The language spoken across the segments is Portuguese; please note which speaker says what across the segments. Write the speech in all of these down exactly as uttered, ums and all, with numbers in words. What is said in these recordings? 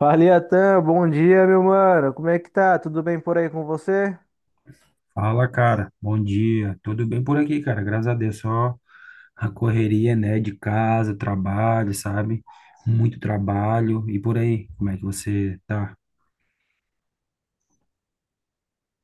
Speaker 1: Fala, Iatan, bom dia, meu mano. Como é que tá? Tudo bem por aí com você?
Speaker 2: Fala, cara. Bom dia. Tudo bem por aqui, cara? Graças a Deus. Só a correria, né? De casa, trabalho, sabe? Muito trabalho. E por aí, como é que você tá?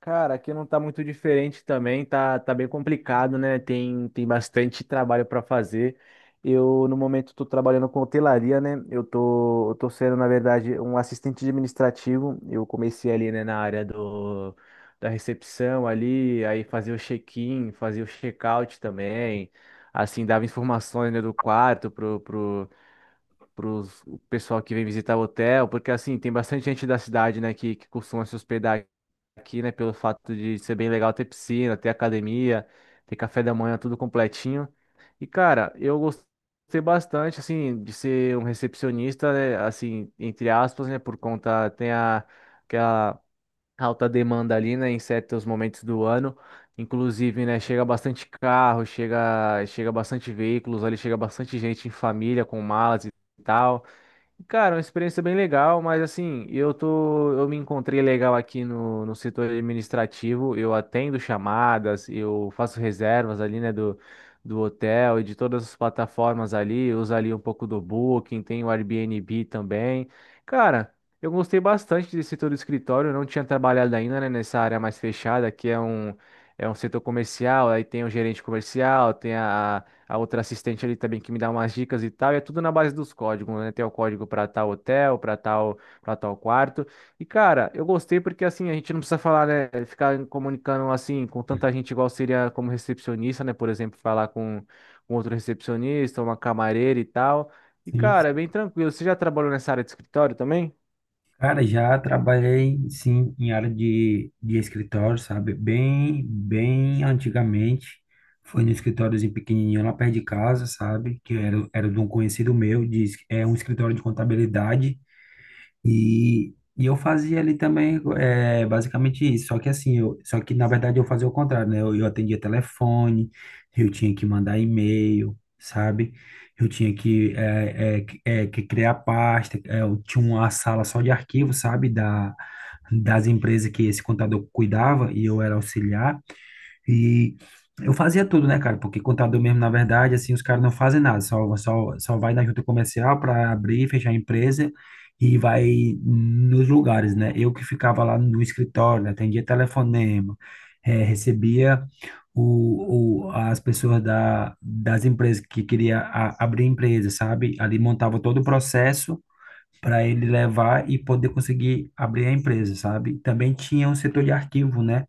Speaker 1: Cara, aqui não tá muito diferente também, tá, tá bem complicado, né? Tem, tem bastante trabalho para fazer. Eu, no momento, tô trabalhando com hotelaria, né? Eu tô, eu tô sendo, na verdade, um assistente administrativo. Eu comecei ali, né, na área do, da recepção ali, aí fazia o check-in, fazia o check-out também. Assim, dava informações, né, do quarto para o pessoal que vem visitar o hotel, porque assim, tem bastante gente da cidade, né, que, que costuma se hospedar aqui, né, pelo fato de ser bem legal ter piscina, ter academia, ter café da manhã, tudo completinho. E cara, eu gostei bastante, assim, de ser um recepcionista, né, assim, entre aspas, né, por conta, tem a, aquela alta demanda ali, né, em certos momentos do ano. Inclusive, né, chega bastante carro, chega, chega bastante veículos ali, chega bastante gente em família com malas e tal. Cara, uma experiência bem legal, mas assim, eu tô, eu me encontrei legal aqui no, no setor administrativo, eu atendo chamadas, eu faço reservas ali, né, do, do hotel e de todas as plataformas ali, eu uso ali um pouco do Booking, tem o Airbnb também. Cara, eu gostei bastante desse setor do escritório, eu não tinha trabalhado ainda, né, nessa área mais fechada, que é um, é um setor comercial, aí tem o gerente comercial, tem a a outra assistente ali também que me dá umas dicas e tal, e é tudo na base dos códigos, né? Tem o código para tal hotel, para tal, para tal quarto. E cara, eu gostei porque assim, a gente não precisa falar, né, ficar comunicando assim com tanta gente igual seria como recepcionista, né, por exemplo, falar com com outro recepcionista, uma camareira e tal. E
Speaker 2: Sim.
Speaker 1: cara, é bem
Speaker 2: sim.
Speaker 1: tranquilo. Você já trabalhou nessa área de escritório também?
Speaker 2: Cara, já trabalhei, sim, em área de, de escritório, sabe? Bem, bem antigamente. Foi num escritóriozinho pequenininho lá perto de casa, sabe? Que era, era de um conhecido meu. Diz, é um escritório de contabilidade. E, e eu fazia ali também é, basicamente isso. Só que assim, eu, só que na verdade eu fazia o contrário, né? Eu, eu atendia telefone, eu tinha que mandar e-mail, sabe? Eu tinha que, é, é, que- é, que criar pasta, é, eu tinha uma sala só de arquivos, sabe? Da, das empresas que esse contador cuidava e eu era auxiliar. E eu fazia tudo, né, cara? Porque contador mesmo, na verdade, assim, os caras não fazem nada, só, só, só vai na junta comercial para abrir e fechar a empresa e vai nos lugares, né? Eu que ficava lá no escritório, né? Atendia telefonema, eh, recebia o, o, as pessoas da, das empresas que queria a- abrir empresa, sabe? Ali montava todo o processo para ele levar e poder conseguir abrir a empresa, sabe? Também tinha um setor de arquivo, né?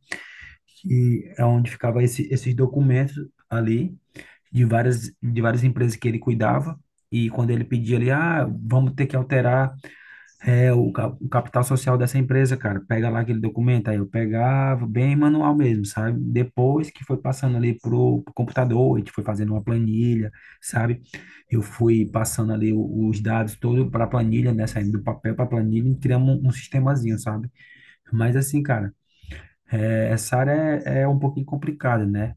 Speaker 2: Que é onde ficava esse, esses documentos ali de várias de várias empresas que ele cuidava. E quando ele pedia ali, ah, vamos ter que alterar é, o, ca- o capital social dessa empresa, cara, pega lá aquele documento. Aí eu pegava bem manual mesmo, sabe? Depois que foi passando ali pro, pro computador, a gente foi fazendo uma planilha, sabe? Eu fui passando ali o- os dados todo para a planilha, né? Saindo do papel para a planilha e criamos um, um sistemazinho, sabe? Mas assim, cara, é, essa área é, é um pouquinho complicada, né?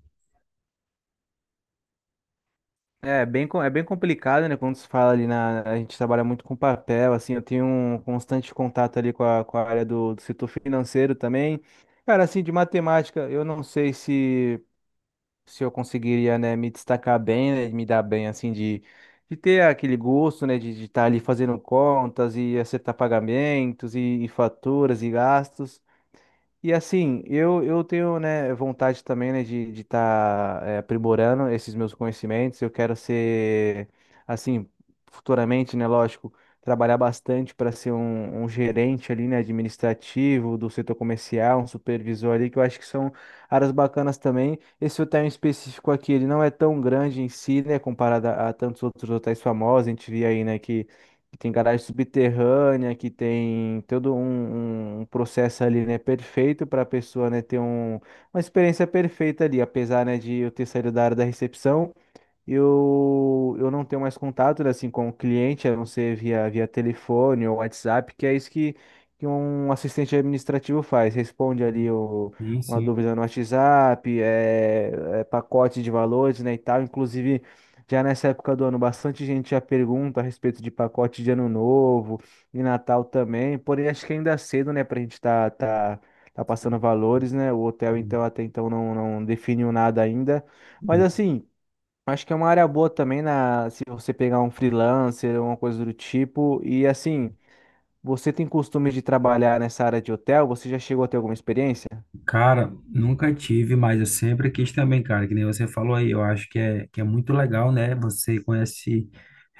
Speaker 1: É bem, co- é bem complicado, né? Quando se fala ali na. A gente trabalha muito com papel, assim, eu tenho um constante contato ali com a, com a área do, do setor financeiro também. Cara, assim, de matemática, eu não sei se, se eu conseguiria, né, me destacar bem, né, me dar bem, assim, de, de ter aquele gosto, né, de estar ali fazendo contas e acertar pagamentos e, e faturas e gastos. E assim, eu, eu tenho, né, vontade também, né, de estar de tá, eh, aprimorando esses meus conhecimentos. Eu quero ser, assim, futuramente, né, lógico, trabalhar bastante para ser um, um gerente ali, né, administrativo do setor comercial, um supervisor ali, que eu acho que são áreas bacanas também. Esse hotel em específico aqui, ele não é tão grande em si, né, comparado a, a tantos outros hotéis famosos. A gente via aí, né, que que tem garagem subterrânea, que tem todo um, um um processo ali, né, perfeito para a pessoa, né, ter um, uma experiência perfeita ali, apesar, né, de eu ter saído da área da recepção. Eu, eu não tenho mais contato, né, assim, com o cliente, a não ser via, via telefone ou WhatsApp, que é isso que, que um assistente administrativo faz. Responde ali o,
Speaker 2: Sim,
Speaker 1: uma
Speaker 2: sim.
Speaker 1: dúvida no WhatsApp, é, é pacote de valores, né, e tal. Inclusive, já nessa época do ano, bastante gente já pergunta a respeito de pacote de Ano Novo e Natal também. Porém, acho que ainda é cedo, né, pra gente tá, tá, tá passando valores, né? O hotel, então, até então, não, não definiu nada ainda. Mas, assim... Acho que é uma área boa também na, se você pegar um freelancer ou uma coisa do tipo. E assim, você tem costume de trabalhar nessa área de hotel? Você já chegou a ter alguma experiência?
Speaker 2: Cara, nunca tive, mas eu sempre quis também, cara, que nem você falou aí, eu acho que é, que é muito legal, né? Você conhece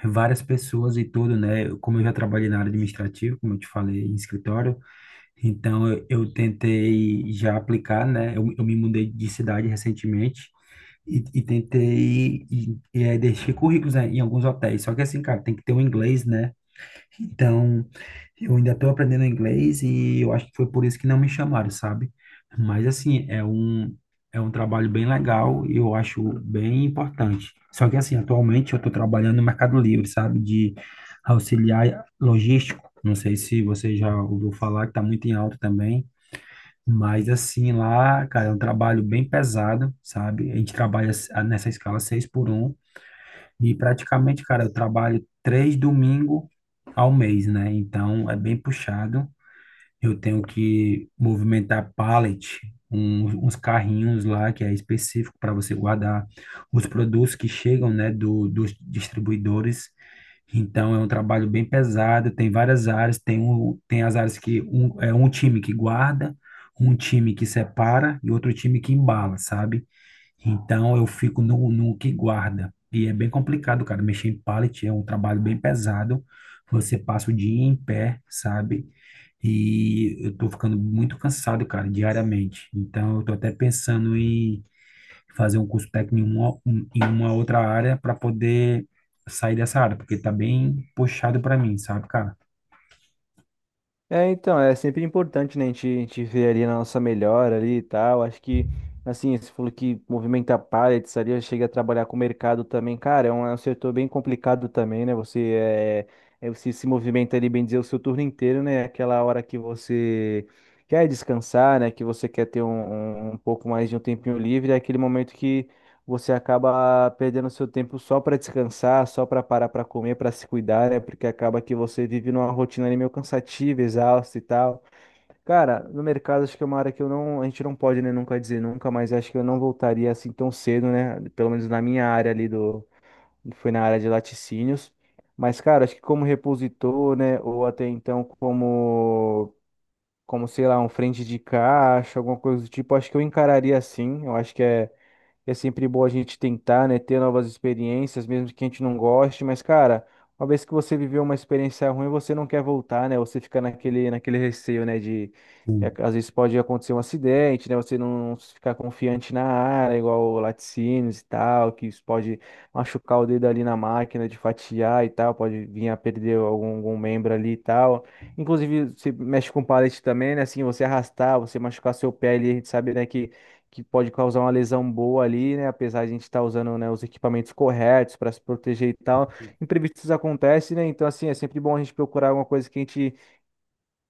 Speaker 2: várias pessoas e tudo, né? Eu- Como eu já trabalhei na área administrativa, como eu te falei, em escritório, então eu, eu tentei já aplicar, né? Eu, eu me mudei de cidade recentemente e, e tentei e, e, é, deixei currículos, né, em alguns hotéis, só que assim, cara, tem que ter um inglês, né? Então, eu ainda estou aprendendo inglês e eu acho que foi por isso que não me chamaram, sabe? Mas assim, é um é um trabalho bem legal e eu acho bem importante. Só que assim, atualmente eu estou trabalhando no Mercado Livre, sabe? De auxiliar logístico. Não sei se você já ouviu falar, que está muito em alta também. Mas assim, lá, cara, é um trabalho bem pesado, sabe? A gente trabalha s- nessa escala seis por um e praticamente, cara, eu trabalho três domingos ao mês, né? Então é bem puxado. Eu tenho que movimentar pallet, um- uns carrinhos lá que é específico para você guardar os produtos que chegam, né, do, dos distribuidores. Então é um trabalho bem pesado. Tem várias áreas. Tem, um, tem as áreas que um, é um time que guarda, um time que separa e outro time que embala, sabe? Então eu fico no, no que guarda. E é bem complicado, cara. Mexer em pallet é um trabalho bem pesado. Você passa o dia em pé, sabe? E eu tô ficando muito cansado, cara, diariamente. Então eu tô até pensando em fazer um curso técnico em uma, um- em uma outra área para poder sair dessa área, porque tá bem puxado para mim, sabe, cara?
Speaker 1: É, então, é sempre importante, né, a gente, a gente ver ali na nossa melhora ali e tal. Acho que, assim, você falou que movimenta pallets ali, chega a trabalhar com o mercado também. Cara, é um, é um setor bem complicado também, né? Você, é, é, você se movimenta ali, bem dizer, o seu turno inteiro, né? Aquela hora que você quer descansar, né? Que você quer ter um, um, um pouco mais de um tempinho livre, é aquele momento que você acaba perdendo seu tempo só para descansar, só para parar para comer, para se cuidar, né? Porque acaba que você vive numa rotina ali meio cansativa, exausta e tal. Cara, no mercado acho que é uma área que eu não, a gente não pode, né, nunca dizer nunca, mas acho que eu não voltaria assim tão cedo, né? Pelo menos na minha área ali do, foi na área de laticínios. Mas, cara, acho que como repositor, né, ou até então como como, sei lá, um frente de caixa, alguma coisa do tipo, acho que eu encararia assim. Eu acho que é é sempre bom a gente tentar, né, ter novas experiências, mesmo que a gente não goste, mas, cara, uma vez que você viveu uma experiência ruim, você não quer voltar, né? Você fica naquele, naquele receio, né, de é,
Speaker 2: Sim,
Speaker 1: às vezes pode acontecer um acidente, né? Você não ficar confiante na área, igual laticínios e tal, que isso pode machucar o dedo ali na máquina de fatiar e tal, pode vir a perder algum, algum membro ali e tal. Inclusive, você mexe com palete também, né? Assim, você arrastar, você machucar seu pé ali, a gente sabe, né, que que pode causar uma lesão boa ali, né? Apesar de a gente estar usando, né, os equipamentos corretos para se proteger e tal. Imprevistos acontecem, né? Então, assim, é sempre bom a gente procurar alguma coisa que a gente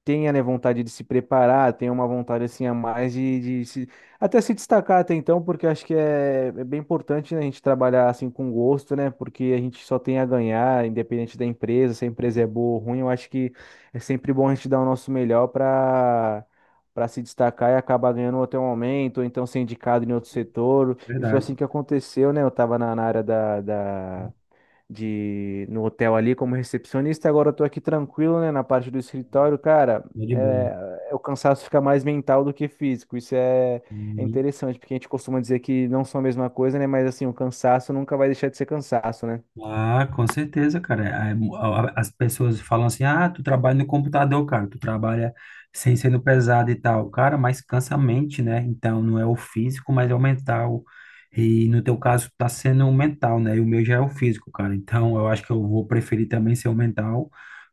Speaker 1: tenha, né, vontade de se preparar, tenha uma vontade assim a mais de, de se, até se destacar até então, porque eu acho que é, é bem importante, né, a gente trabalhar assim com gosto, né, porque a gente só tem a ganhar, independente da empresa, se a empresa é boa ou ruim, eu acho que é sempre bom a gente dar o nosso melhor para para se destacar e acabar ganhando até o momento, ou então ser indicado em outro setor. E foi
Speaker 2: verdade.
Speaker 1: assim que aconteceu, né? Eu estava na, na área da da de no hotel ali como recepcionista. Agora eu tô aqui tranquilo, né, na parte do escritório, cara.
Speaker 2: É de boa.
Speaker 1: É, é- o cansaço fica mais mental do que físico. Isso é, é interessante, porque a gente costuma dizer que não são a mesma coisa, né? Mas assim, o cansaço nunca vai deixar de ser cansaço, né?
Speaker 2: Ah, com certeza, cara. É, mu- a- a- As pessoas falam assim: ah, tu trabalha no computador, cara, tu trabalha sem sendo pesado e tal. Cara, mas cansa a mente, né? Então não é o físico, mas é o mental. E no teu caso tá sendo o mental, né? E o meu já é o físico, cara. Então eu acho que eu vou preferir também ser o mental,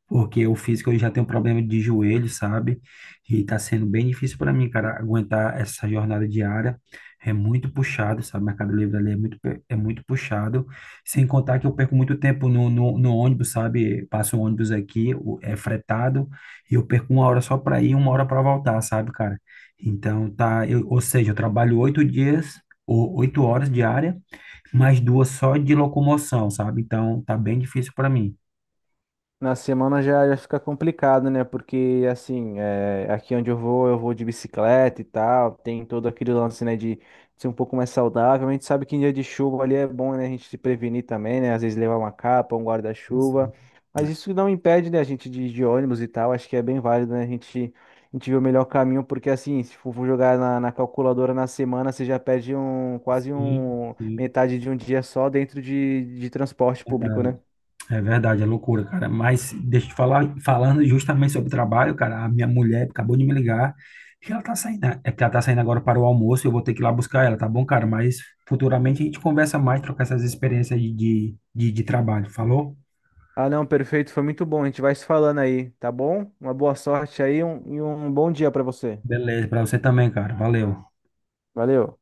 Speaker 2: porque o físico eu já tenho problema de joelho, sabe? E tá sendo bem difícil para mim, cara, aguentar essa jornada diária. É muito puxado, sabe? Mercado Livre ali é muito, pe- é muito puxado. Sem contar que eu perco muito tempo no, no, no ônibus, sabe? Passo o ônibus aqui, o- é fretado, e eu perco uma hora só para ir, uma hora para voltar, sabe, cara? Então tá, eu, ou seja, eu trabalho oito dias, ou oito horas diária, mais duas só de locomoção, sabe? Então tá bem difícil para mim.
Speaker 1: Na semana já, já fica complicado, né? Porque, assim, é, aqui onde eu vou, eu vou de bicicleta e tal, tem todo aquele lance, né, de ser um pouco mais saudável. A gente sabe que em dia de chuva ali é bom, né, a gente se prevenir também, né? Às vezes levar uma capa, um guarda-chuva.
Speaker 2: Sim.
Speaker 1: Mas isso não impede, né, a gente de, ir de ônibus e tal. Acho que é bem válido, né? A gente, a gente vê o melhor caminho, porque, assim, se for jogar na, na calculadora na semana, você já perde um, quase
Speaker 2: Sim,
Speaker 1: um,
Speaker 2: sim,
Speaker 1: metade de um dia só dentro de, de transporte
Speaker 2: é
Speaker 1: público,
Speaker 2: verdade.
Speaker 1: né?
Speaker 2: É verdade, é loucura, cara. Mas deixa eu te falar, falando justamente sobre trabalho, cara, a minha mulher acabou de me ligar que ela tá saindo, né? É que ela tá saindo agora para o almoço, eu vou ter que ir lá buscar ela, tá bom, cara? Mas futuramente a gente conversa mais, trocar essas experiências de, de, de de trabalho, falou?
Speaker 1: Ah, não, perfeito, foi muito bom. A gente vai se falando aí, tá bom? Uma boa sorte aí um- e um bom dia pra você.
Speaker 2: Beleza, pra você também, cara. Valeu.
Speaker 1: Valeu.